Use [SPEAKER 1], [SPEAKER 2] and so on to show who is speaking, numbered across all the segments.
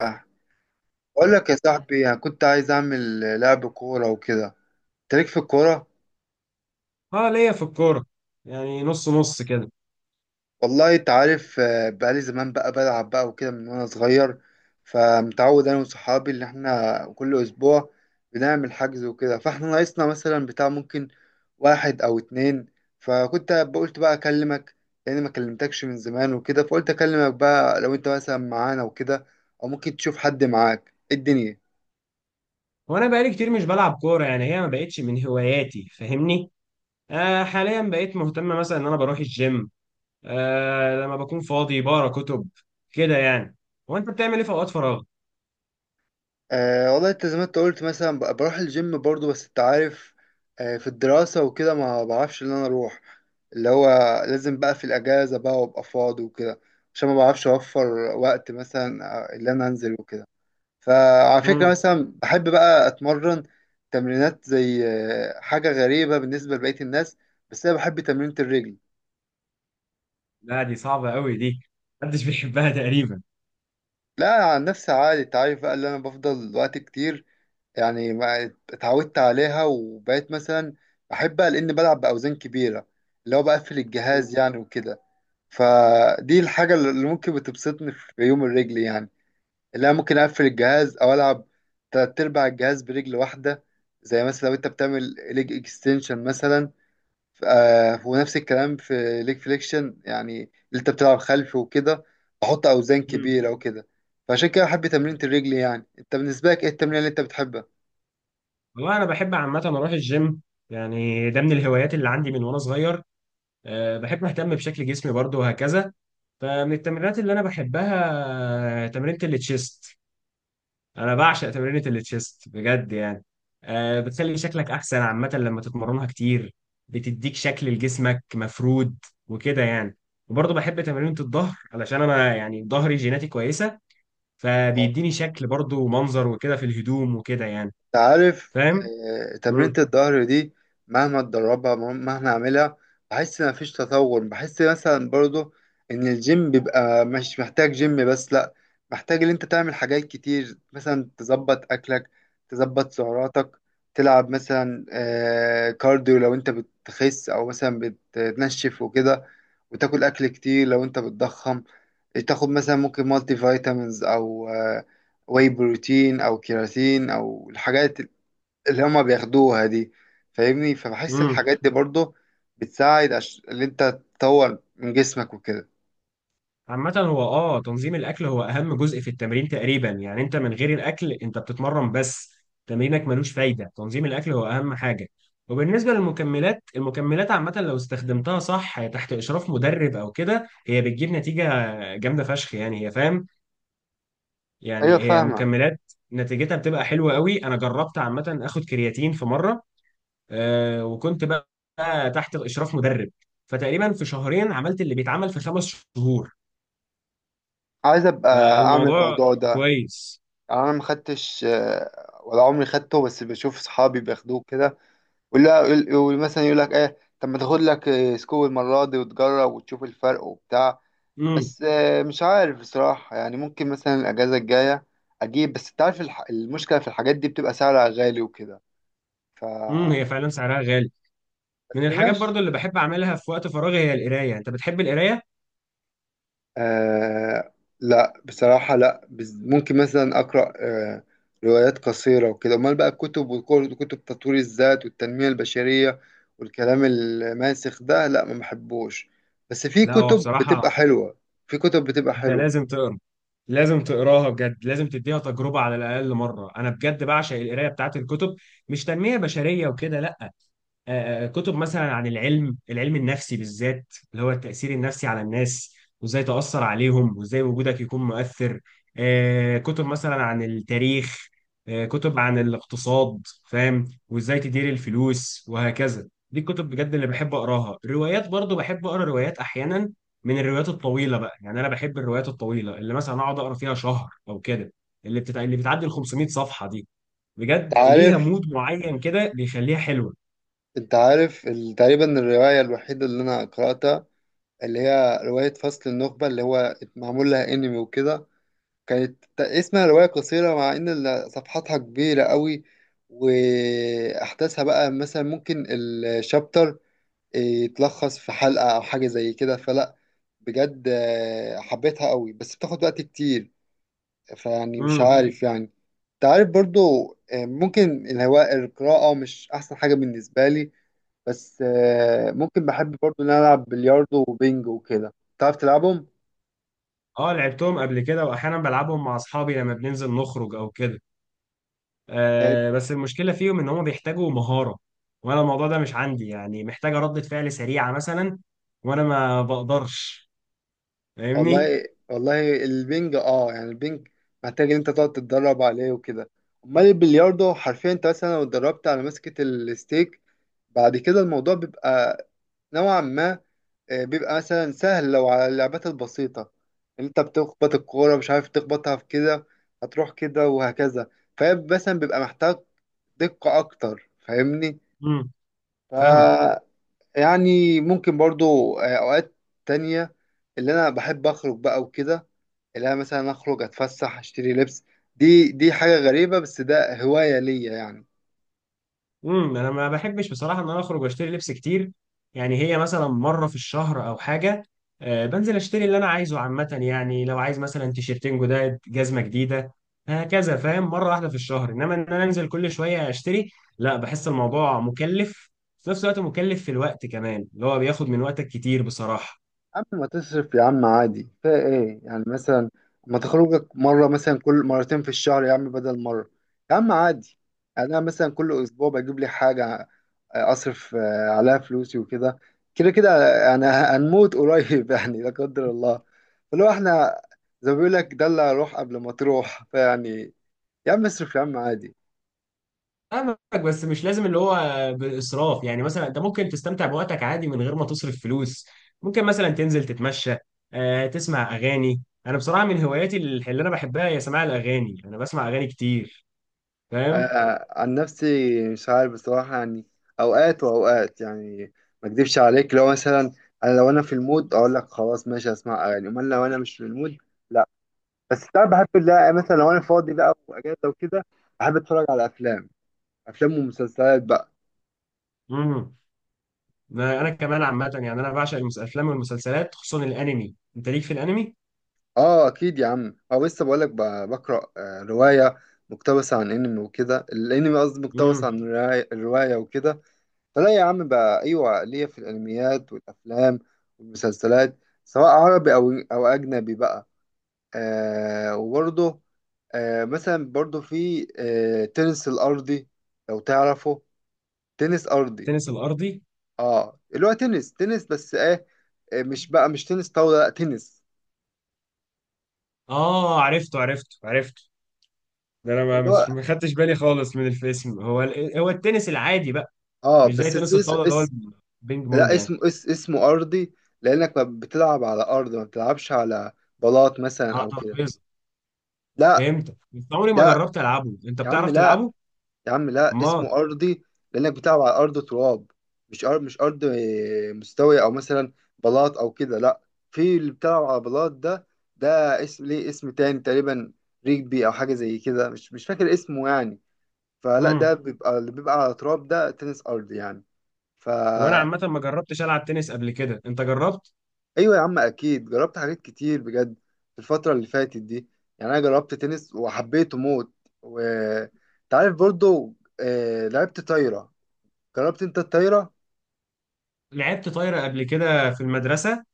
[SPEAKER 1] آه. بقول لك يا صاحبي، أنا كنت عايز اعمل لعب كوره وكده. انت ليك في الكوره؟
[SPEAKER 2] اه، ليا في الكورة. يعني نص نص كده.
[SPEAKER 1] والله انت عارف، بقالي زمان بقى بلعب بقى وكده من وانا صغير. فمتعود انا وصحابي ان احنا كل اسبوع بنعمل حجز وكده، فاحنا ناقصنا مثلا بتاع ممكن واحد او اتنين. فكنت قلت بقى اكلمك، لان ما كلمتكش من زمان وكده، فقلت اكلمك بقى لو انت مثلا معانا وكده، او ممكن تشوف حد معاك. إيه الدنيا؟
[SPEAKER 2] وانا بقالي كتير مش بلعب كورة، يعني هي ما بقتش من هواياتي، فاهمني. حاليا بقيت مهتم مثلا ان انا بروح الجيم. لما بكون فاضي بقرا كتب كده يعني. هو انت بتعمل ايه في اوقات فراغ؟
[SPEAKER 1] أه، والله انت زي ما انت قلت، مثلا بروح الجيم برضو، بس انت عارف، في الدراسة وكده ما بعرفش ان انا اروح، اللي هو لازم بقى في الاجازة بقى، وابقى فاضي وكده، عشان ما بعرفش اوفر وقت مثلا، اللي انا انزل وكده. فعلى فكرة،
[SPEAKER 2] امم.
[SPEAKER 1] مثلا بحب بقى اتمرن تمرينات زي حاجة غريبة بالنسبة لبقية الناس، بس انا بحب تمرينة الرجل.
[SPEAKER 2] لا دي صعبة قوي دي، محدش بيحبها تقريبا.
[SPEAKER 1] لا، عن نفسي عادي، انت عارف بقى، اللي انا بفضل وقت كتير، يعني ما اتعودت عليها وبقيت مثلا بحبها لأني بلعب بأوزان كبيرة، اللي هو بقفل
[SPEAKER 2] مم.
[SPEAKER 1] الجهاز يعني وكده. فدي الحاجة اللي ممكن بتبسطني في يوم الرجل، يعني اللي أنا ممكن أقفل الجهاز أو ألعب تلات أرباع الجهاز برجل واحدة. زي مثلا لو أنت بتعمل ليج اكستنشن مثلا، ونفس الكلام في ليج فليكشن، يعني اللي أنت بتلعب خلفي وكده، بحط أوزان
[SPEAKER 2] مم.
[SPEAKER 1] كبيرة وكده. فعشان كده بحب تمرينة الرجل. يعني أنت بالنسبة لك، إيه التمرين اللي أنت بتحبها؟
[SPEAKER 2] والله انا بحب عامه اروح الجيم، يعني ده من الهوايات اللي عندي من وانا صغير. بحب اهتم بشكل جسمي برضو وهكذا. فمن التمرينات اللي انا بحبها تمرينة التشيست، انا بعشق تمرينة التشيست بجد يعني. بتخلي شكلك احسن عامة لما تتمرنها كتير، بتديك شكل لجسمك مفرود وكده يعني. وبرضه بحب تمرينة الظهر علشان انا يعني ظهري جيناتي كويسة، فبيديني شكل برضه ومنظر وكده في الهدوم وكده يعني.
[SPEAKER 1] عارف،
[SPEAKER 2] فاهم؟
[SPEAKER 1] تمرينة
[SPEAKER 2] مم.
[SPEAKER 1] الظهر دي مهما اتدربها، مهما اعملها، بحس ان مفيش تطور. بحس مثلا برضو ان الجيم بيبقى، مش محتاج جيم بس، لا، محتاج ان انت تعمل حاجات كتير، مثلا تظبط اكلك، تظبط سعراتك، تلعب مثلا كارديو لو انت بتخس، او مثلا بتنشف وكده، وتاكل اكل كتير لو انت بتضخم، تاخد مثلا ممكن مالتي فيتامينز او واي بروتين او كيراتين، او الحاجات اللي هما بياخدوها دي. فاهمني؟ فبحس
[SPEAKER 2] مم.
[SPEAKER 1] الحاجات دي برضو بتساعد اللي انت تطور من جسمك وكده.
[SPEAKER 2] عامة هو تنظيم الاكل هو اهم جزء في التمرين تقريبا، يعني انت من غير الاكل انت بتتمرن بس، تمرينك ملوش فايدة. تنظيم الاكل هو اهم حاجة. وبالنسبة للمكملات، المكملات عامة لو استخدمتها صح تحت اشراف مدرب او كده، هي بتجيب نتيجة جامدة فشخ، يعني هي فاهم،
[SPEAKER 1] ايوه،
[SPEAKER 2] يعني هي
[SPEAKER 1] فاهمك.
[SPEAKER 2] مكملات نتيجتها بتبقى حلوة قوي. انا جربت عامة اخد كرياتين في مرة، وكنت بقى تحت اشراف مدرب، فتقريبا في شهرين عملت اللي بيتعمل في 5 شهور،
[SPEAKER 1] عايز ابقى اعمل
[SPEAKER 2] فالموضوع
[SPEAKER 1] الموضوع ده،
[SPEAKER 2] كويس.
[SPEAKER 1] يعني انا ما خدتش ولا عمري خدته، بس بشوف صحابي بياخدوه كده، ولا مثلا يقول لك ايه، طب ما تاخد لك سكوب المره دي وتجرب وتشوف الفرق وبتاع.
[SPEAKER 2] امم.
[SPEAKER 1] بس مش عارف بصراحه، يعني ممكن مثلا الاجازه الجايه اجيب، بس انت عارف، المشكله في الحاجات دي بتبقى سعرها غالي وكده. ف،
[SPEAKER 2] هي فعلا سعرها غالي. من
[SPEAKER 1] بس
[SPEAKER 2] الحاجات
[SPEAKER 1] ماشي.
[SPEAKER 2] برضو اللي بحب اعملها في وقت فراغي هي القرايه، انت بتحب القرايه؟
[SPEAKER 1] آه، لا بصراحة، لا ممكن مثلا أقرأ روايات قصيرة وكده. أمال بقى الكتب وكتب تطوير الذات والتنمية البشرية، والكلام الماسخ ده، لا ما بحبوش، بس في
[SPEAKER 2] لا هو
[SPEAKER 1] كتب بتبقى
[SPEAKER 2] بصراحه
[SPEAKER 1] حلوة، في كتب بتبقى
[SPEAKER 2] انت
[SPEAKER 1] حلوة.
[SPEAKER 2] لازم تقرا، لازم تقراها بجد، لازم تديها تجربه على الاقل مره. انا بجد بعشق القرايه بتاعت الكتب، مش تنميه بشريه وكده لا. كتب مثلا عن العلم، العلم النفسي بالذات، اللي هو التأثير النفسي على الناس، وازاي تأثر عليهم وازاي وجودك يكون مؤثر. كتب مثلا عن التاريخ. كتب عن الاقتصاد، فاهم، وازاي تدير الفلوس وهكذا. دي الكتب بجد اللي بحب أقراها. الروايات برضو بحب أقرأ روايات أحيانا، من الروايات الطويلة بقى. يعني أنا بحب الروايات الطويلة اللي مثلا أقعد أقرأ فيها شهر أو كده، اللي بتعدي ال 500 صفحة دي،
[SPEAKER 1] أنت
[SPEAKER 2] بجد ليها
[SPEAKER 1] عارف
[SPEAKER 2] مود معين كده بيخليها حلوة.
[SPEAKER 1] أنت عارف تقريبا الرواية الوحيدة اللي أنا قرأتها، اللي هي رواية فصل النخبة، اللي هو معمول لها أنمي وكده، كانت اسمها رواية قصيرة، مع إن صفحاتها كبيرة قوي، وأحداثها بقى مثلا ممكن الشابتر يتلخص في حلقة أو حاجة زي كده. فلا، بجد حبيتها قوي، بس بتاخد وقت كتير، فيعني مش عارف يعني. تعرف برضو، ممكن الهواء القراءة مش أحسن حاجة بالنسبة لي، بس ممكن بحب برضو إن أنا ألعب بلياردو وبينج وكده. تعرف تلعبهم؟
[SPEAKER 2] اه، لعبتهم قبل كده، واحيانا بلعبهم مع اصحابي لما بننزل نخرج او كده. بس المشكله فيهم ان هم بيحتاجوا مهاره، وانا الموضوع ده مش عندي، يعني محتاجه ردة فعل سريعه مثلا وانا ما بقدرش، فاهمني.
[SPEAKER 1] والله، والله البنج، يعني البنج محتاج ان انت تقعد تتدرب عليه وكده. امال البلياردو، حرفيا انت مثلا لو اتدربت على مسكة الستيك، بعد كده الموضوع بيبقى نوعا ما، بيبقى مثلا سهل لو على اللعبات البسيطة اللي انت بتخبط الكورة، مش عارف تخبطها في كده هتروح كده وهكذا. فهي مثلا بيبقى محتاج دقة أكتر. فاهمني؟
[SPEAKER 2] امم. فاهم.
[SPEAKER 1] ف، يعني ممكن برضو أوقات تانية، اللي أنا بحب أخرج بقى وكده، اللي انا مثلا اخرج اتفسح اشتري لبس. دي حاجة غريبة، بس ده هواية ليا يعني.
[SPEAKER 2] انا ما بحبش بصراحه ان انا اخرج واشتري لبس كتير. يعني هي مثلا مره في الشهر او حاجه، بنزل اشتري اللي انا عايزه عامه، يعني لو عايز مثلا تيشيرتين جداد، جزمه جديده، هكذا، فاهم؟ مره واحده في الشهر، انما ان انا انزل كل شويه اشتري، لا، بحس الموضوع مكلف، في نفس الوقت مكلف، في الوقت كمان اللي هو بياخد من وقتك كتير بصراحه.
[SPEAKER 1] اما ما تصرف يا عم عادي، فا ايه يعني؟ مثلا ما تخرجك مرة، مثلا كل مرتين في الشهر يا عم، بدل مرة، يا عم عادي. يعني انا مثلا كل اسبوع بجيب لي حاجة، اصرف عليها فلوسي وكده. كده كده، انا هنموت قريب يعني، لا قدر الله. فلو احنا، زي ما بيقول لك، دلع روح قبل ما تروح. فيعني يا عم اصرف، يا عم عادي.
[SPEAKER 2] فاهمك، بس مش لازم اللي هو بإسراف. يعني مثلا انت ممكن تستمتع بوقتك عادي من غير ما تصرف فلوس، ممكن مثلا تنزل تتمشى، تسمع أغاني. انا بصراحة من هواياتي اللي انا بحبها هي سماع الأغاني، انا بسمع أغاني كتير، فاهم.
[SPEAKER 1] عن نفسي مش عارف بصراحة يعني، أوقات وأوقات يعني. ما أكدبش عليك، لو مثلا أنا، لو أنا في المود أقول لك خلاص ماشي، أسمع أغاني، أمال لو أنا مش في المود، لا. بس ساعات بحب، لا مثلا لو أنا فاضي بقى وأجازة وكده، بحب أتفرج على أفلام، أفلام ومسلسلات بقى.
[SPEAKER 2] امم. انا كمان عامة، يعني انا بعشق الافلام والمسلسلات، خصوصا الانمي، انت ليك في الانمي؟
[SPEAKER 1] آه أكيد يا عم، أو لسه بقول لك، بقرأ رواية مقتبسة عن أنمي وكده. الأنمي قصدي مقتبس
[SPEAKER 2] امم.
[SPEAKER 1] عن الرواية، الرواية وكده. فلا يا عم بقى، ايوه ليا في الانميات والافلام والمسلسلات، سواء عربي او اجنبي بقى. آه، وبرضه مثلا، برضه في تنس الارضي، لو تعرفه، تنس ارضي.
[SPEAKER 2] التنس الأرضي.
[SPEAKER 1] اه، اللي هو تنس تنس، بس ايه، مش بقى مش تنس طاوله، لا تنس،
[SPEAKER 2] اه، عرفته عرفته عرفته. ده انا ما
[SPEAKER 1] اللي هو،
[SPEAKER 2] مش ما خدتش بالي خالص من الاسم، هو هو التنس العادي بقى،
[SPEAKER 1] اه
[SPEAKER 2] مش زي
[SPEAKER 1] بس اس
[SPEAKER 2] تنس
[SPEAKER 1] اس
[SPEAKER 2] الطاولة اللي
[SPEAKER 1] اس.
[SPEAKER 2] هو البينج بونج
[SPEAKER 1] لا
[SPEAKER 2] يعني،
[SPEAKER 1] اسمه اس، اسمه ارضي، لانك ما بتلعب على ارض، ما بتلعبش على بلاط مثلا
[SPEAKER 2] على
[SPEAKER 1] او كده.
[SPEAKER 2] ترابيزه؟
[SPEAKER 1] لا.
[SPEAKER 2] فهمت، بس عمري ما
[SPEAKER 1] لا
[SPEAKER 2] جربت العبه، انت
[SPEAKER 1] يا عم
[SPEAKER 2] بتعرف
[SPEAKER 1] لا،
[SPEAKER 2] تلعبه؟
[SPEAKER 1] يا عم لا،
[SPEAKER 2] ما.
[SPEAKER 1] اسمه أرضي لأنك بتلعب على أرض تراب، مش أرض مش أرض، مستوية أو مثلا بلاط أو كده، لا. في اللي بتلعب على بلاط ده، ده اسم ليه اسم تاني تقريبا، ريجبي أو حاجة زي كده، مش فاكر اسمه يعني. فلا، ده
[SPEAKER 2] امم.
[SPEAKER 1] بيبقى اللي بيبقى على تراب، ده تنس أرض يعني.
[SPEAKER 2] وانا
[SPEAKER 1] فا،
[SPEAKER 2] عامه ما جربتش العب تنس قبل كده، انت جربت؟
[SPEAKER 1] أيوة يا عم أكيد، جربت حاجات كتير بجد في الفترة اللي فاتت دي. يعني أنا جربت تنس وحبيته موت. وتعرف برضو، لعبت طايرة. جربت أنت الطايرة؟
[SPEAKER 2] لعبت طايره قبل كده في المدرسه،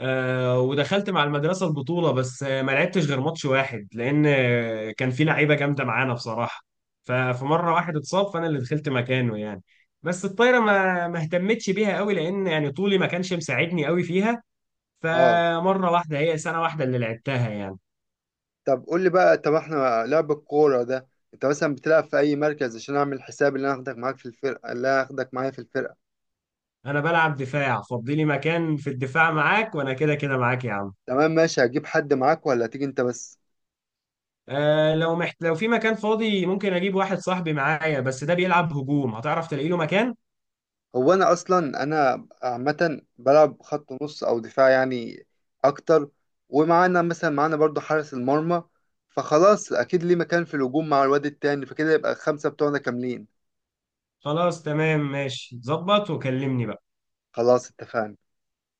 [SPEAKER 2] ودخلت مع المدرسه البطوله، بس ما لعبتش غير ماتش واحد، لان كان في لعيبه جامده معانا بصراحه، ففي مره واحد اتصاب فانا اللي دخلت مكانه يعني. بس الطايره ما اهتمتش بيها قوي، لان يعني طولي ما كانش مساعدني قوي فيها،
[SPEAKER 1] اه.
[SPEAKER 2] فمره واحده هي سنه واحده اللي لعبتها يعني.
[SPEAKER 1] طب قول لي بقى، طب احنا لعب الكورة ده، انت مثلا بتلعب في اي مركز، عشان اعمل حساب اللي انا هاخدك معاك في الفرقة، اللي انا هاخدك معايا في الفرقة.
[SPEAKER 2] انا بلعب دفاع، فضي لي مكان في الدفاع معاك، وانا كده كده معاك يا عم.
[SPEAKER 1] تمام ماشي، هجيب حد معاك ولا هتيجي انت بس؟
[SPEAKER 2] لو في مكان فاضي ممكن اجيب واحد صاحبي معايا، بس ده بيلعب هجوم، هتعرف تلاقي له مكان؟
[SPEAKER 1] هو انا اصلا، انا عامة بلعب خط نص او دفاع يعني، اكتر. ومعانا مثلا، معانا برضو حارس المرمى، فخلاص اكيد ليه مكان في الهجوم مع الواد التاني، فكده يبقى الخمسة بتوعنا كاملين.
[SPEAKER 2] خلاص تمام ماشي، ظبط وكلمني بقى.
[SPEAKER 1] خلاص، اتفقنا.